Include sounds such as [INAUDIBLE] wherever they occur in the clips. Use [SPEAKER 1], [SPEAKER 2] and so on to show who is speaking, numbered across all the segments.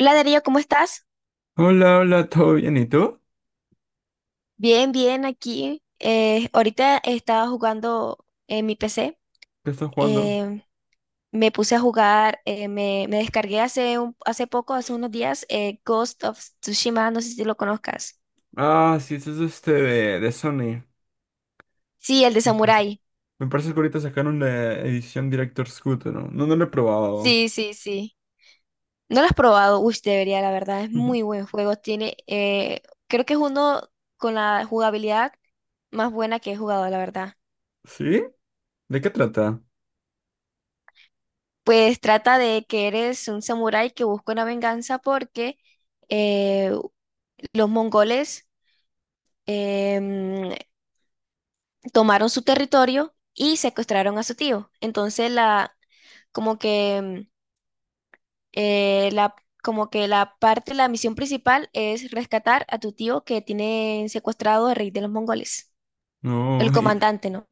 [SPEAKER 1] Hola Darío, ¿cómo estás?
[SPEAKER 2] Hola, hola, ¿todo bien? ¿Y tú?
[SPEAKER 1] Bien, bien, aquí. Ahorita estaba jugando en mi PC.
[SPEAKER 2] ¿Qué estás jugando?
[SPEAKER 1] eh, Me puse a jugar, me descargué hace, hace poco, hace unos días, Ghost of Tsushima, no sé si lo conozcas.
[SPEAKER 2] Ah, sí, esto es de Sony.
[SPEAKER 1] Sí, el de
[SPEAKER 2] Me parece
[SPEAKER 1] Samurai.
[SPEAKER 2] Me parece que ahorita sacaron la edición Director's Cut, ¿no? No, no lo he probado.
[SPEAKER 1] Sí, sí, sí. ¿No lo has probado? Uy, debería, la verdad, es muy
[SPEAKER 2] [LAUGHS]
[SPEAKER 1] buen juego. Tiene, creo que es uno con la jugabilidad más buena que he jugado, la verdad.
[SPEAKER 2] ¿Sí? ¿De qué trata?
[SPEAKER 1] Pues trata de que eres un samurái que busca una venganza porque eh, los mongoles em, tomaron su territorio y secuestraron a su tío. Entonces la como que la como que la parte, la misión principal es rescatar a tu tío que tiene secuestrado al rey de los mongoles,
[SPEAKER 2] No,
[SPEAKER 1] el
[SPEAKER 2] [LAUGHS] y
[SPEAKER 1] comandante, ¿no?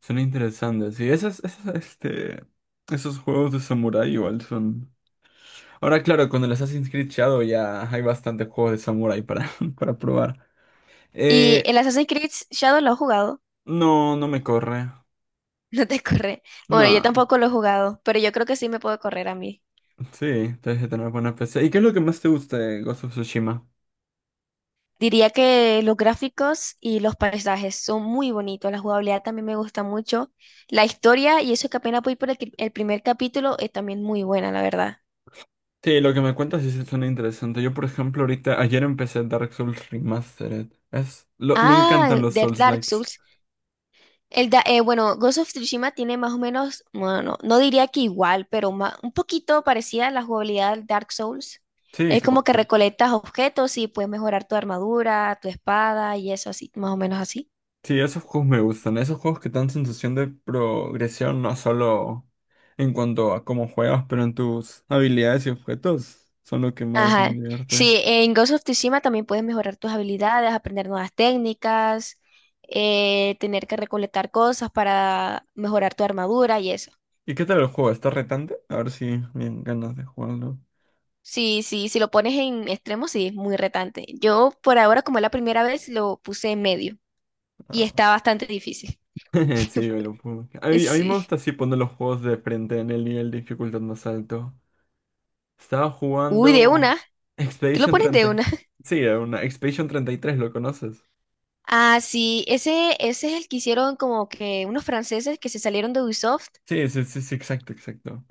[SPEAKER 2] son interesantes. Sí, esas, esos juegos de samurai igual son. Ahora, claro, con el Assassin's Creed Shadow ya hay bastantes juegos de samurai para, [LAUGHS] para probar.
[SPEAKER 1] Y
[SPEAKER 2] Eh,
[SPEAKER 1] el Assassin's Creed Shadow lo he jugado,
[SPEAKER 2] no, no me corre.
[SPEAKER 1] [LAUGHS] no te corre. Bueno, yo
[SPEAKER 2] No.
[SPEAKER 1] tampoco lo he jugado, pero yo creo que sí me puedo correr a mí.
[SPEAKER 2] Sí, debes de tener buena PC. ¿Y qué es lo que más te gusta de Ghost of Tsushima?
[SPEAKER 1] Diría que los gráficos y los paisajes son muy bonitos, la jugabilidad también me gusta mucho, la historia y eso que apenas voy por el primer capítulo es también muy buena, la verdad.
[SPEAKER 2] Sí, lo que me cuentas sí se suena interesante. Yo, por ejemplo, ahorita, ayer empecé Dark Souls Remastered. Me encantan
[SPEAKER 1] Ah,
[SPEAKER 2] los
[SPEAKER 1] de Dark
[SPEAKER 2] Souls-likes.
[SPEAKER 1] Souls. Bueno, Ghost of Tsushima tiene más o menos, bueno, no diría que igual, pero un poquito parecida a la jugabilidad del Dark Souls.
[SPEAKER 2] Sí,
[SPEAKER 1] Es
[SPEAKER 2] que-
[SPEAKER 1] como que recolectas objetos y puedes mejorar tu armadura, tu espada y eso así, más o menos así.
[SPEAKER 2] sí, esos juegos me gustan. Esos juegos que te dan sensación de progresión, no solo en cuanto a cómo juegas, pero en tus habilidades y objetos, son lo que más me
[SPEAKER 1] Ajá.
[SPEAKER 2] divierte.
[SPEAKER 1] Sí, en Ghost of Tsushima también puedes mejorar tus habilidades, aprender nuevas técnicas, tener que recolectar cosas para mejorar tu armadura y eso.
[SPEAKER 2] ¿Y qué tal el juego? ¿Está retante? A ver si me dan ganas de jugarlo.
[SPEAKER 1] Sí, sí, si lo pones en extremo, sí, es muy retante. Yo por ahora, como es la primera vez, lo puse en medio y
[SPEAKER 2] Ah,
[SPEAKER 1] está bastante difícil.
[SPEAKER 2] [LAUGHS] sí, me lo pongo.
[SPEAKER 1] [LAUGHS]
[SPEAKER 2] A mí me
[SPEAKER 1] Sí.
[SPEAKER 2] gusta así poner los juegos de frente en el nivel de dificultad más alto. Estaba
[SPEAKER 1] Uy, de
[SPEAKER 2] jugando
[SPEAKER 1] una. Tú lo
[SPEAKER 2] Expedition
[SPEAKER 1] pones de
[SPEAKER 2] treinta.
[SPEAKER 1] una. [LAUGHS]
[SPEAKER 2] Sí, era una Expedition 33. ¿Lo conoces?
[SPEAKER 1] Ah, sí, ese es el que hicieron como que unos franceses que se salieron de Ubisoft.
[SPEAKER 2] Sí, sí, sí, sí, exacto, exacto.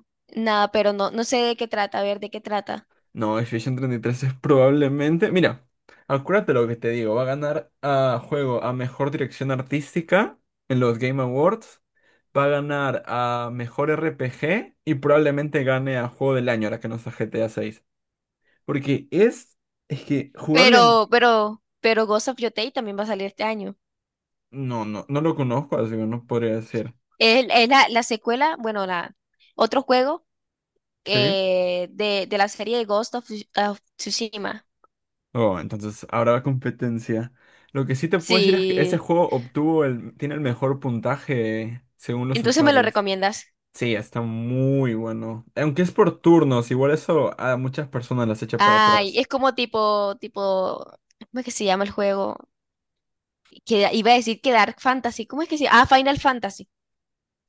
[SPEAKER 1] Nada, pero no, sé de qué trata, a ver de qué trata.
[SPEAKER 2] No, Expedition 33 es probablemente. Mira, acuérdate lo que te digo. Va a ganar a juego a mejor dirección artística en los Game Awards. Va a ganar a mejor RPG y probablemente gane a juego del año, ahora que no está GTA 6. Porque es que jugable,
[SPEAKER 1] Pero Ghost of Yotei también va a salir este año.
[SPEAKER 2] no, no, no lo conozco, así que no podría decir.
[SPEAKER 1] Es la secuela, bueno, la otro juego
[SPEAKER 2] Sí.
[SPEAKER 1] que de la serie de of Tsushima.
[SPEAKER 2] Oh, entonces habrá competencia. Lo que sí te puedo decir es que ese
[SPEAKER 1] Sí.
[SPEAKER 2] juego tiene el mejor puntaje según los
[SPEAKER 1] Entonces me lo
[SPEAKER 2] usuarios.
[SPEAKER 1] recomiendas.
[SPEAKER 2] Sí, está muy bueno. Aunque es por turnos, igual eso a muchas personas las echa para
[SPEAKER 1] Ay,
[SPEAKER 2] atrás.
[SPEAKER 1] es como tipo, ¿cómo es que se llama el juego? Que iba a decir que Dark Fantasy. ¿Cómo es que se llama? Ah, Final Fantasy.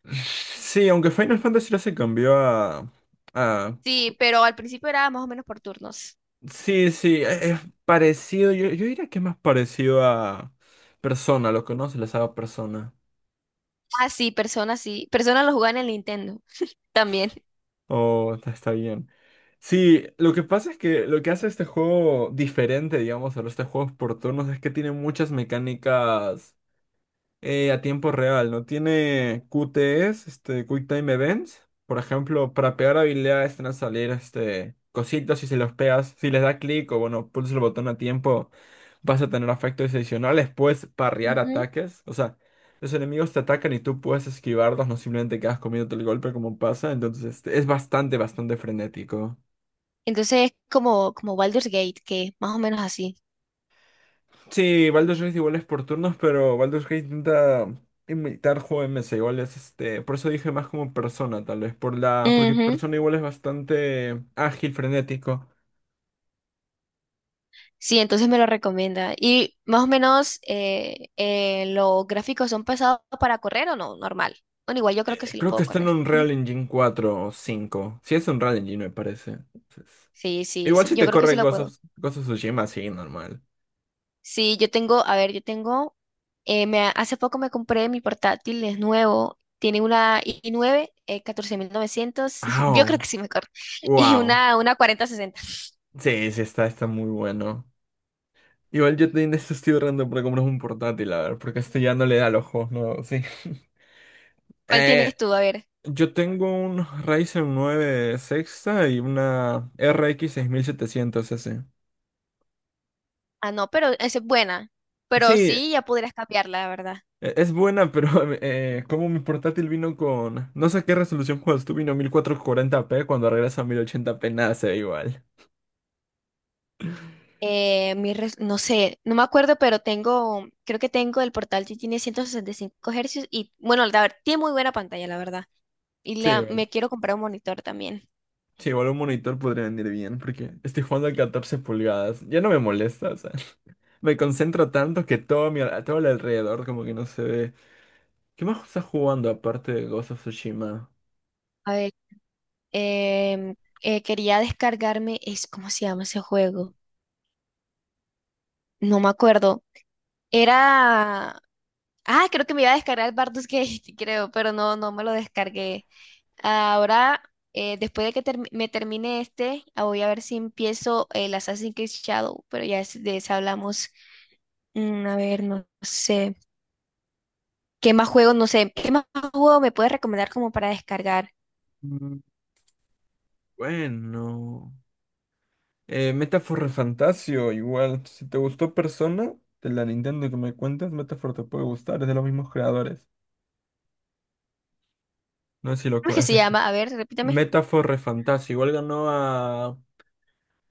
[SPEAKER 2] [LAUGHS] Sí, aunque Final Fantasy ya se cambió a, a.
[SPEAKER 1] Sí, pero al principio era más o menos por turnos.
[SPEAKER 2] Sí, sí, es parecido. Yo diría que es más parecido a Persona, lo conoce, la saga Persona.
[SPEAKER 1] Ah, sí. Persona lo jugaba en el Nintendo también.
[SPEAKER 2] Oh, está bien. Sí, lo que pasa es que lo que hace este juego diferente, digamos, a los juegos por turnos es que tiene muchas mecánicas. A tiempo real, ¿no? Tiene QTEs, Quick Time Events. Por ejemplo, para pegar habilidades te van a salir cositas y si los pegas, si les da clic o bueno, pulsas el botón a tiempo, vas a tener efectos adicionales. Puedes parrear
[SPEAKER 1] Ujú.
[SPEAKER 2] ataques. O sea, los enemigos te atacan y tú puedes esquivarlos, no simplemente quedas comiéndote el golpe como pasa. Entonces, es bastante, bastante frenético.
[SPEAKER 1] Entonces es como Baldur's Gate, que es más o menos así.
[SPEAKER 2] Sí, Baldur's Gate igual es por turnos, pero Baldur's Gate intenta imitar juegos igual por eso dije más como Persona, tal vez, porque
[SPEAKER 1] Ujú.
[SPEAKER 2] Persona igual es bastante ágil, frenético.
[SPEAKER 1] Sí, entonces me lo recomienda. Y más o menos los gráficos son pesados para correr o no, normal. Bueno, igual yo creo que sí lo
[SPEAKER 2] Creo que
[SPEAKER 1] puedo
[SPEAKER 2] está en
[SPEAKER 1] correr.
[SPEAKER 2] Unreal
[SPEAKER 1] [LAUGHS]
[SPEAKER 2] Engine cuatro o cinco. Sí, es Unreal Engine, me parece. Entonces,
[SPEAKER 1] Sí, sí,
[SPEAKER 2] igual
[SPEAKER 1] sí,
[SPEAKER 2] si
[SPEAKER 1] yo
[SPEAKER 2] te
[SPEAKER 1] creo que sí
[SPEAKER 2] corre
[SPEAKER 1] lo
[SPEAKER 2] Ghost
[SPEAKER 1] puedo.
[SPEAKER 2] of, Ghost of Tsushima, sí, normal.
[SPEAKER 1] Sí, yo tengo, a ver, hace poco me compré mi portátil, es nuevo, tiene una i9, 14900. [LAUGHS] Yo creo
[SPEAKER 2] ¡Au!
[SPEAKER 1] que sí me corre, y
[SPEAKER 2] ¡Wow!
[SPEAKER 1] una 4060.
[SPEAKER 2] Sí, sí, está muy bueno. Igual yo te esto estoy ahorrando para comprar un portátil, a ver, porque este ya no le da los ojos, ¿no? Sí. [LAUGHS]
[SPEAKER 1] ¿Cuál
[SPEAKER 2] Eh,
[SPEAKER 1] tienes tú? A ver.
[SPEAKER 2] Yo tengo un Ryzen 9 sexta y una RX 700 S.
[SPEAKER 1] Ah, no, pero esa es buena. Pero
[SPEAKER 2] Sí,
[SPEAKER 1] sí, ya podrías cambiarla, la verdad.
[SPEAKER 2] es buena, pero [LAUGHS] como mi portátil vino con... No sé qué resolución cuando tú vino 1440p cuando regresa a 1080p nada se ve igual.
[SPEAKER 1] No sé, no me acuerdo, pero creo que tengo el portal que tiene 165 Hz y bueno, tiene muy buena pantalla, la verdad. Y
[SPEAKER 2] Sí, igual,
[SPEAKER 1] me quiero comprar un monitor también.
[SPEAKER 2] sí, igual un monitor podría venir bien, porque estoy jugando a 14 pulgadas. Ya no me molesta, o sea. [LAUGHS] Me concentro tanto que todo el alrededor como que no se ve. ¿Qué más estás jugando aparte de Ghost of Tsushima?
[SPEAKER 1] A ver, em, quería descargarme, es, ¿cómo se llama ese juego? No me acuerdo. Era Ah, creo que me iba a descargar el Bardus Gate, [LAUGHS] creo, pero no me lo descargué. Ahora, después de que me termine este, ah, voy a ver si empiezo el Assassin's Creed Shadow, pero ya de eso hablamos. Mm, a ver, no sé. ¿Qué más juego? No sé. ¿Qué más juego me puedes recomendar como para descargar?
[SPEAKER 2] Mm, Bueno... Metaphor Fantasio, igual. Si te gustó Persona, de la Nintendo que me cuentas, Metaphor te puede gustar, es de los mismos creadores. No sé si
[SPEAKER 1] ¿Cómo es que
[SPEAKER 2] has
[SPEAKER 1] se llama? A
[SPEAKER 2] escuchado.
[SPEAKER 1] ver, repítame.
[SPEAKER 2] Metaphor Fantasio, igual ganó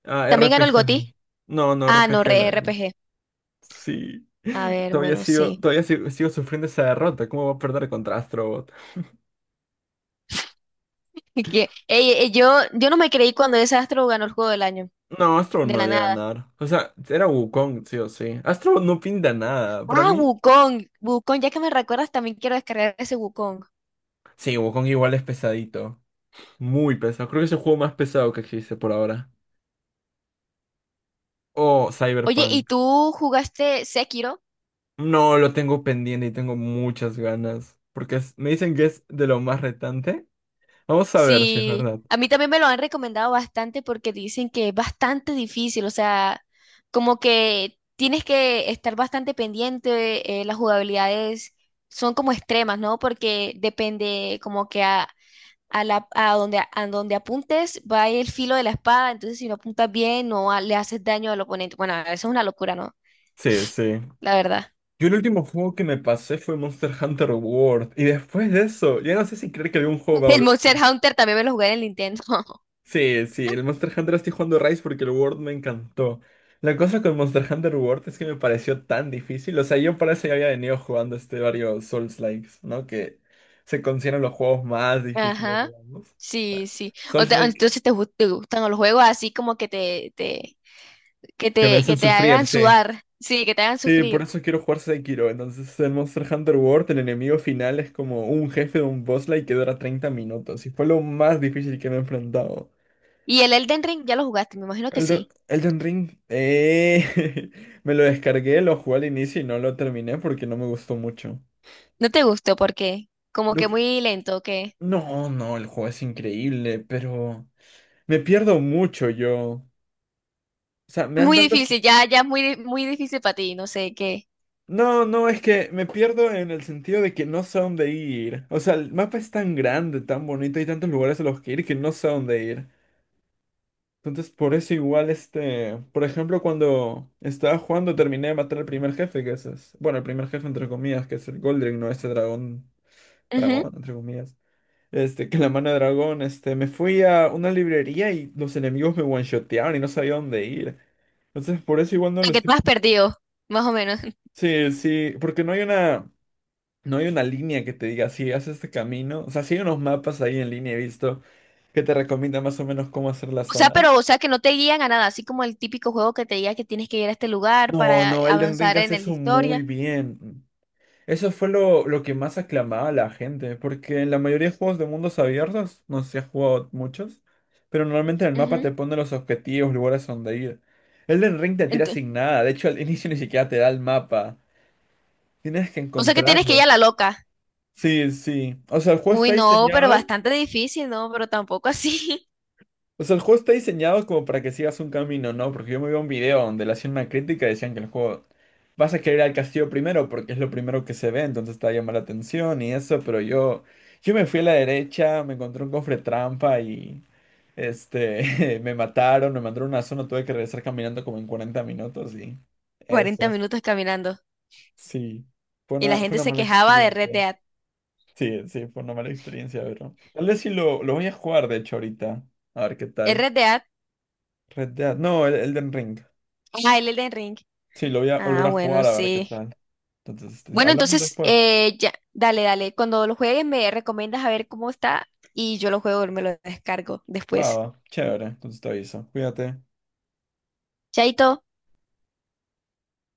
[SPEAKER 2] a
[SPEAKER 1] ¿También ganó el
[SPEAKER 2] RPG
[SPEAKER 1] GOTY?
[SPEAKER 2] . No, no,
[SPEAKER 1] Ah,
[SPEAKER 2] RPG
[SPEAKER 1] no,
[SPEAKER 2] del
[SPEAKER 1] R P
[SPEAKER 2] año.
[SPEAKER 1] G.
[SPEAKER 2] Sí.
[SPEAKER 1] A
[SPEAKER 2] [LAUGHS]
[SPEAKER 1] ver,
[SPEAKER 2] Todavía
[SPEAKER 1] bueno,
[SPEAKER 2] sigo,
[SPEAKER 1] sí.
[SPEAKER 2] todavía sigo, sigo sufriendo esa derrota. ¿Cómo va a perder contra Astrobot?
[SPEAKER 1] [LAUGHS] Ey, ey, yo no me creí cuando ese astro ganó el juego del año.
[SPEAKER 2] No, Astrobot
[SPEAKER 1] De
[SPEAKER 2] no
[SPEAKER 1] la
[SPEAKER 2] iba a ganar. O sea, era Wukong, sí o sí. Astrobot no pinta nada. Para
[SPEAKER 1] Ah,
[SPEAKER 2] mí,
[SPEAKER 1] Wukong. Wukong, ya que me recuerdas, también quiero descargar ese Wukong.
[SPEAKER 2] sí, Wukong igual es pesadito. Muy pesado. Creo que es el juego más pesado que existe por ahora. Oh,
[SPEAKER 1] Oye, ¿y
[SPEAKER 2] Cyberpunk.
[SPEAKER 1] tú jugaste Sekiro?
[SPEAKER 2] No, lo tengo pendiente y tengo muchas ganas. Porque me dicen que es de lo más retante. Vamos a ver si es
[SPEAKER 1] Sí,
[SPEAKER 2] verdad.
[SPEAKER 1] a mí también me lo han recomendado bastante porque dicen que es bastante difícil, o sea, como que tienes que estar bastante pendiente, las jugabilidades son como extremas, ¿no? Porque depende como que a donde apuntes va el filo de la espada, entonces si no apuntas bien no le haces daño al oponente. Bueno, eso es una locura, ¿no?
[SPEAKER 2] Sí, sí.
[SPEAKER 1] [LAUGHS] La verdad.
[SPEAKER 2] Yo el último juego que me pasé fue Monster Hunter World. Y después de eso, ya no sé si creer que algún juego va a
[SPEAKER 1] El Monster
[SPEAKER 2] volver.
[SPEAKER 1] Hunter también me lo jugué en el Nintendo. [LAUGHS]
[SPEAKER 2] Sí, sí, el Monster Hunter estoy jugando Rise porque el World me encantó. La cosa con Monster Hunter World es que me pareció tan difícil. O sea, yo para eso ya había venido jugando varios Souls-likes, ¿no? Que se consideran los juegos más difíciles,
[SPEAKER 1] Ajá.
[SPEAKER 2] digamos.
[SPEAKER 1] Sí, sí.
[SPEAKER 2] Souls.
[SPEAKER 1] Entonces te gustan los juegos así como que
[SPEAKER 2] Que me hacen
[SPEAKER 1] que te
[SPEAKER 2] sufrir,
[SPEAKER 1] hagan
[SPEAKER 2] sí.
[SPEAKER 1] sudar. Sí, que te hagan
[SPEAKER 2] Sí, por
[SPEAKER 1] sufrir.
[SPEAKER 2] eso quiero jugar Sekiro. Entonces, el Monster Hunter World, el enemigo final es como un jefe de un boss like que dura 30 minutos. Y fue lo más difícil que me he enfrentado.
[SPEAKER 1] Y el Elden Ring ya lo jugaste, me imagino que
[SPEAKER 2] Elden,
[SPEAKER 1] sí.
[SPEAKER 2] Elden Ring, [LAUGHS] me lo descargué, lo jugué al inicio y no lo terminé porque no me gustó mucho.
[SPEAKER 1] No te gustó porque como
[SPEAKER 2] Lo
[SPEAKER 1] que
[SPEAKER 2] que-
[SPEAKER 1] muy lento, que
[SPEAKER 2] No, no, el juego es increíble, pero me pierdo mucho yo. O sea, me dan
[SPEAKER 1] muy
[SPEAKER 2] tantas.
[SPEAKER 1] difícil, ya muy, muy difícil para ti, no sé qué.
[SPEAKER 2] No, no, es que me pierdo en el sentido de que no sé a dónde ir. O sea, el mapa es tan grande, tan bonito, hay tantos lugares a los que ir que no sé a dónde ir. Entonces, por eso igual por ejemplo, cuando estaba jugando terminé de matar al primer jefe, que ese es, bueno, el primer jefe entre comillas, que es el Goldring, no este dragón,
[SPEAKER 1] Ujú.
[SPEAKER 2] dragón entre comillas. Que la mano de dragón, me fui a una librería y los enemigos me one-shotearon y no sabía dónde ir. Entonces, por eso igual no
[SPEAKER 1] Lo
[SPEAKER 2] lo
[SPEAKER 1] que
[SPEAKER 2] estoy
[SPEAKER 1] tú has
[SPEAKER 2] jugando.
[SPEAKER 1] perdido, más o menos. [LAUGHS]
[SPEAKER 2] Sí, sí, porque no hay una. No hay una línea que te diga, si haces este camino. O sea, sí hay unos mapas ahí en línea, he visto, que te recomienda más o menos cómo hacer las
[SPEAKER 1] O sea, pero,
[SPEAKER 2] zonas.
[SPEAKER 1] o sea, que no te guían a nada, así como el típico juego que te diga que tienes que ir a este lugar
[SPEAKER 2] No,
[SPEAKER 1] para
[SPEAKER 2] no, Elden
[SPEAKER 1] avanzar
[SPEAKER 2] Ring
[SPEAKER 1] en
[SPEAKER 2] hace
[SPEAKER 1] la
[SPEAKER 2] eso muy
[SPEAKER 1] historia.
[SPEAKER 2] bien. Eso fue lo que más aclamaba a la gente, porque en la mayoría de juegos de mundos abiertos, no sé si has jugado muchos, pero normalmente en el mapa
[SPEAKER 1] Ujú.
[SPEAKER 2] te pone los objetivos, lugares donde ir. Elden Ring te tira
[SPEAKER 1] Ento-
[SPEAKER 2] sin nada, de hecho al [LAUGHS] inicio ni siquiera te da el mapa. Tienes que
[SPEAKER 1] O sea que tienes que ir
[SPEAKER 2] encontrarlo.
[SPEAKER 1] a la loca.
[SPEAKER 2] Sí, sí. O sea, el juego
[SPEAKER 1] Uy,
[SPEAKER 2] está
[SPEAKER 1] no, pero
[SPEAKER 2] diseñado.
[SPEAKER 1] bastante difícil, ¿no? Pero tampoco así.
[SPEAKER 2] O sea, el juego está diseñado como para que sigas un camino, ¿no? Porque yo me vi un video donde le hacían una crítica y decían que el juego vas a querer ir al castillo primero porque es lo primero que se ve, entonces te va a llamar la atención y eso, pero yo me fui a la derecha, me encontré un cofre trampa y [LAUGHS] me mataron, me mandaron a una zona, tuve que regresar caminando como en 40 minutos y
[SPEAKER 1] [LAUGHS]
[SPEAKER 2] eso
[SPEAKER 1] 40
[SPEAKER 2] es.
[SPEAKER 1] minutos caminando.
[SPEAKER 2] Sí. Fue
[SPEAKER 1] Y la
[SPEAKER 2] una, fue
[SPEAKER 1] gente
[SPEAKER 2] una
[SPEAKER 1] se
[SPEAKER 2] mala
[SPEAKER 1] quejaba de Red
[SPEAKER 2] experiencia.
[SPEAKER 1] Dead.
[SPEAKER 2] Sí, sí, fue una mala experiencia, pero. Tal vez sí lo voy a jugar, de hecho, ahorita. A ver qué
[SPEAKER 1] ¿El
[SPEAKER 2] tal.
[SPEAKER 1] Red Dead?
[SPEAKER 2] Red Dead. No, el Elden Ring.
[SPEAKER 1] Ah, el Elden Ring.
[SPEAKER 2] Sí, lo voy a
[SPEAKER 1] Ah,
[SPEAKER 2] volver a
[SPEAKER 1] bueno,
[SPEAKER 2] jugar a ver qué
[SPEAKER 1] sí.
[SPEAKER 2] tal. Entonces,
[SPEAKER 1] Bueno,
[SPEAKER 2] hablamos
[SPEAKER 1] entonces,
[SPEAKER 2] después.
[SPEAKER 1] ya, dale, dale. Cuando lo juegues me recomiendas a ver cómo está y yo lo juego y me lo descargo
[SPEAKER 2] Va,
[SPEAKER 1] después.
[SPEAKER 2] va, chévere. Entonces te aviso. Cuídate.
[SPEAKER 1] Chaito.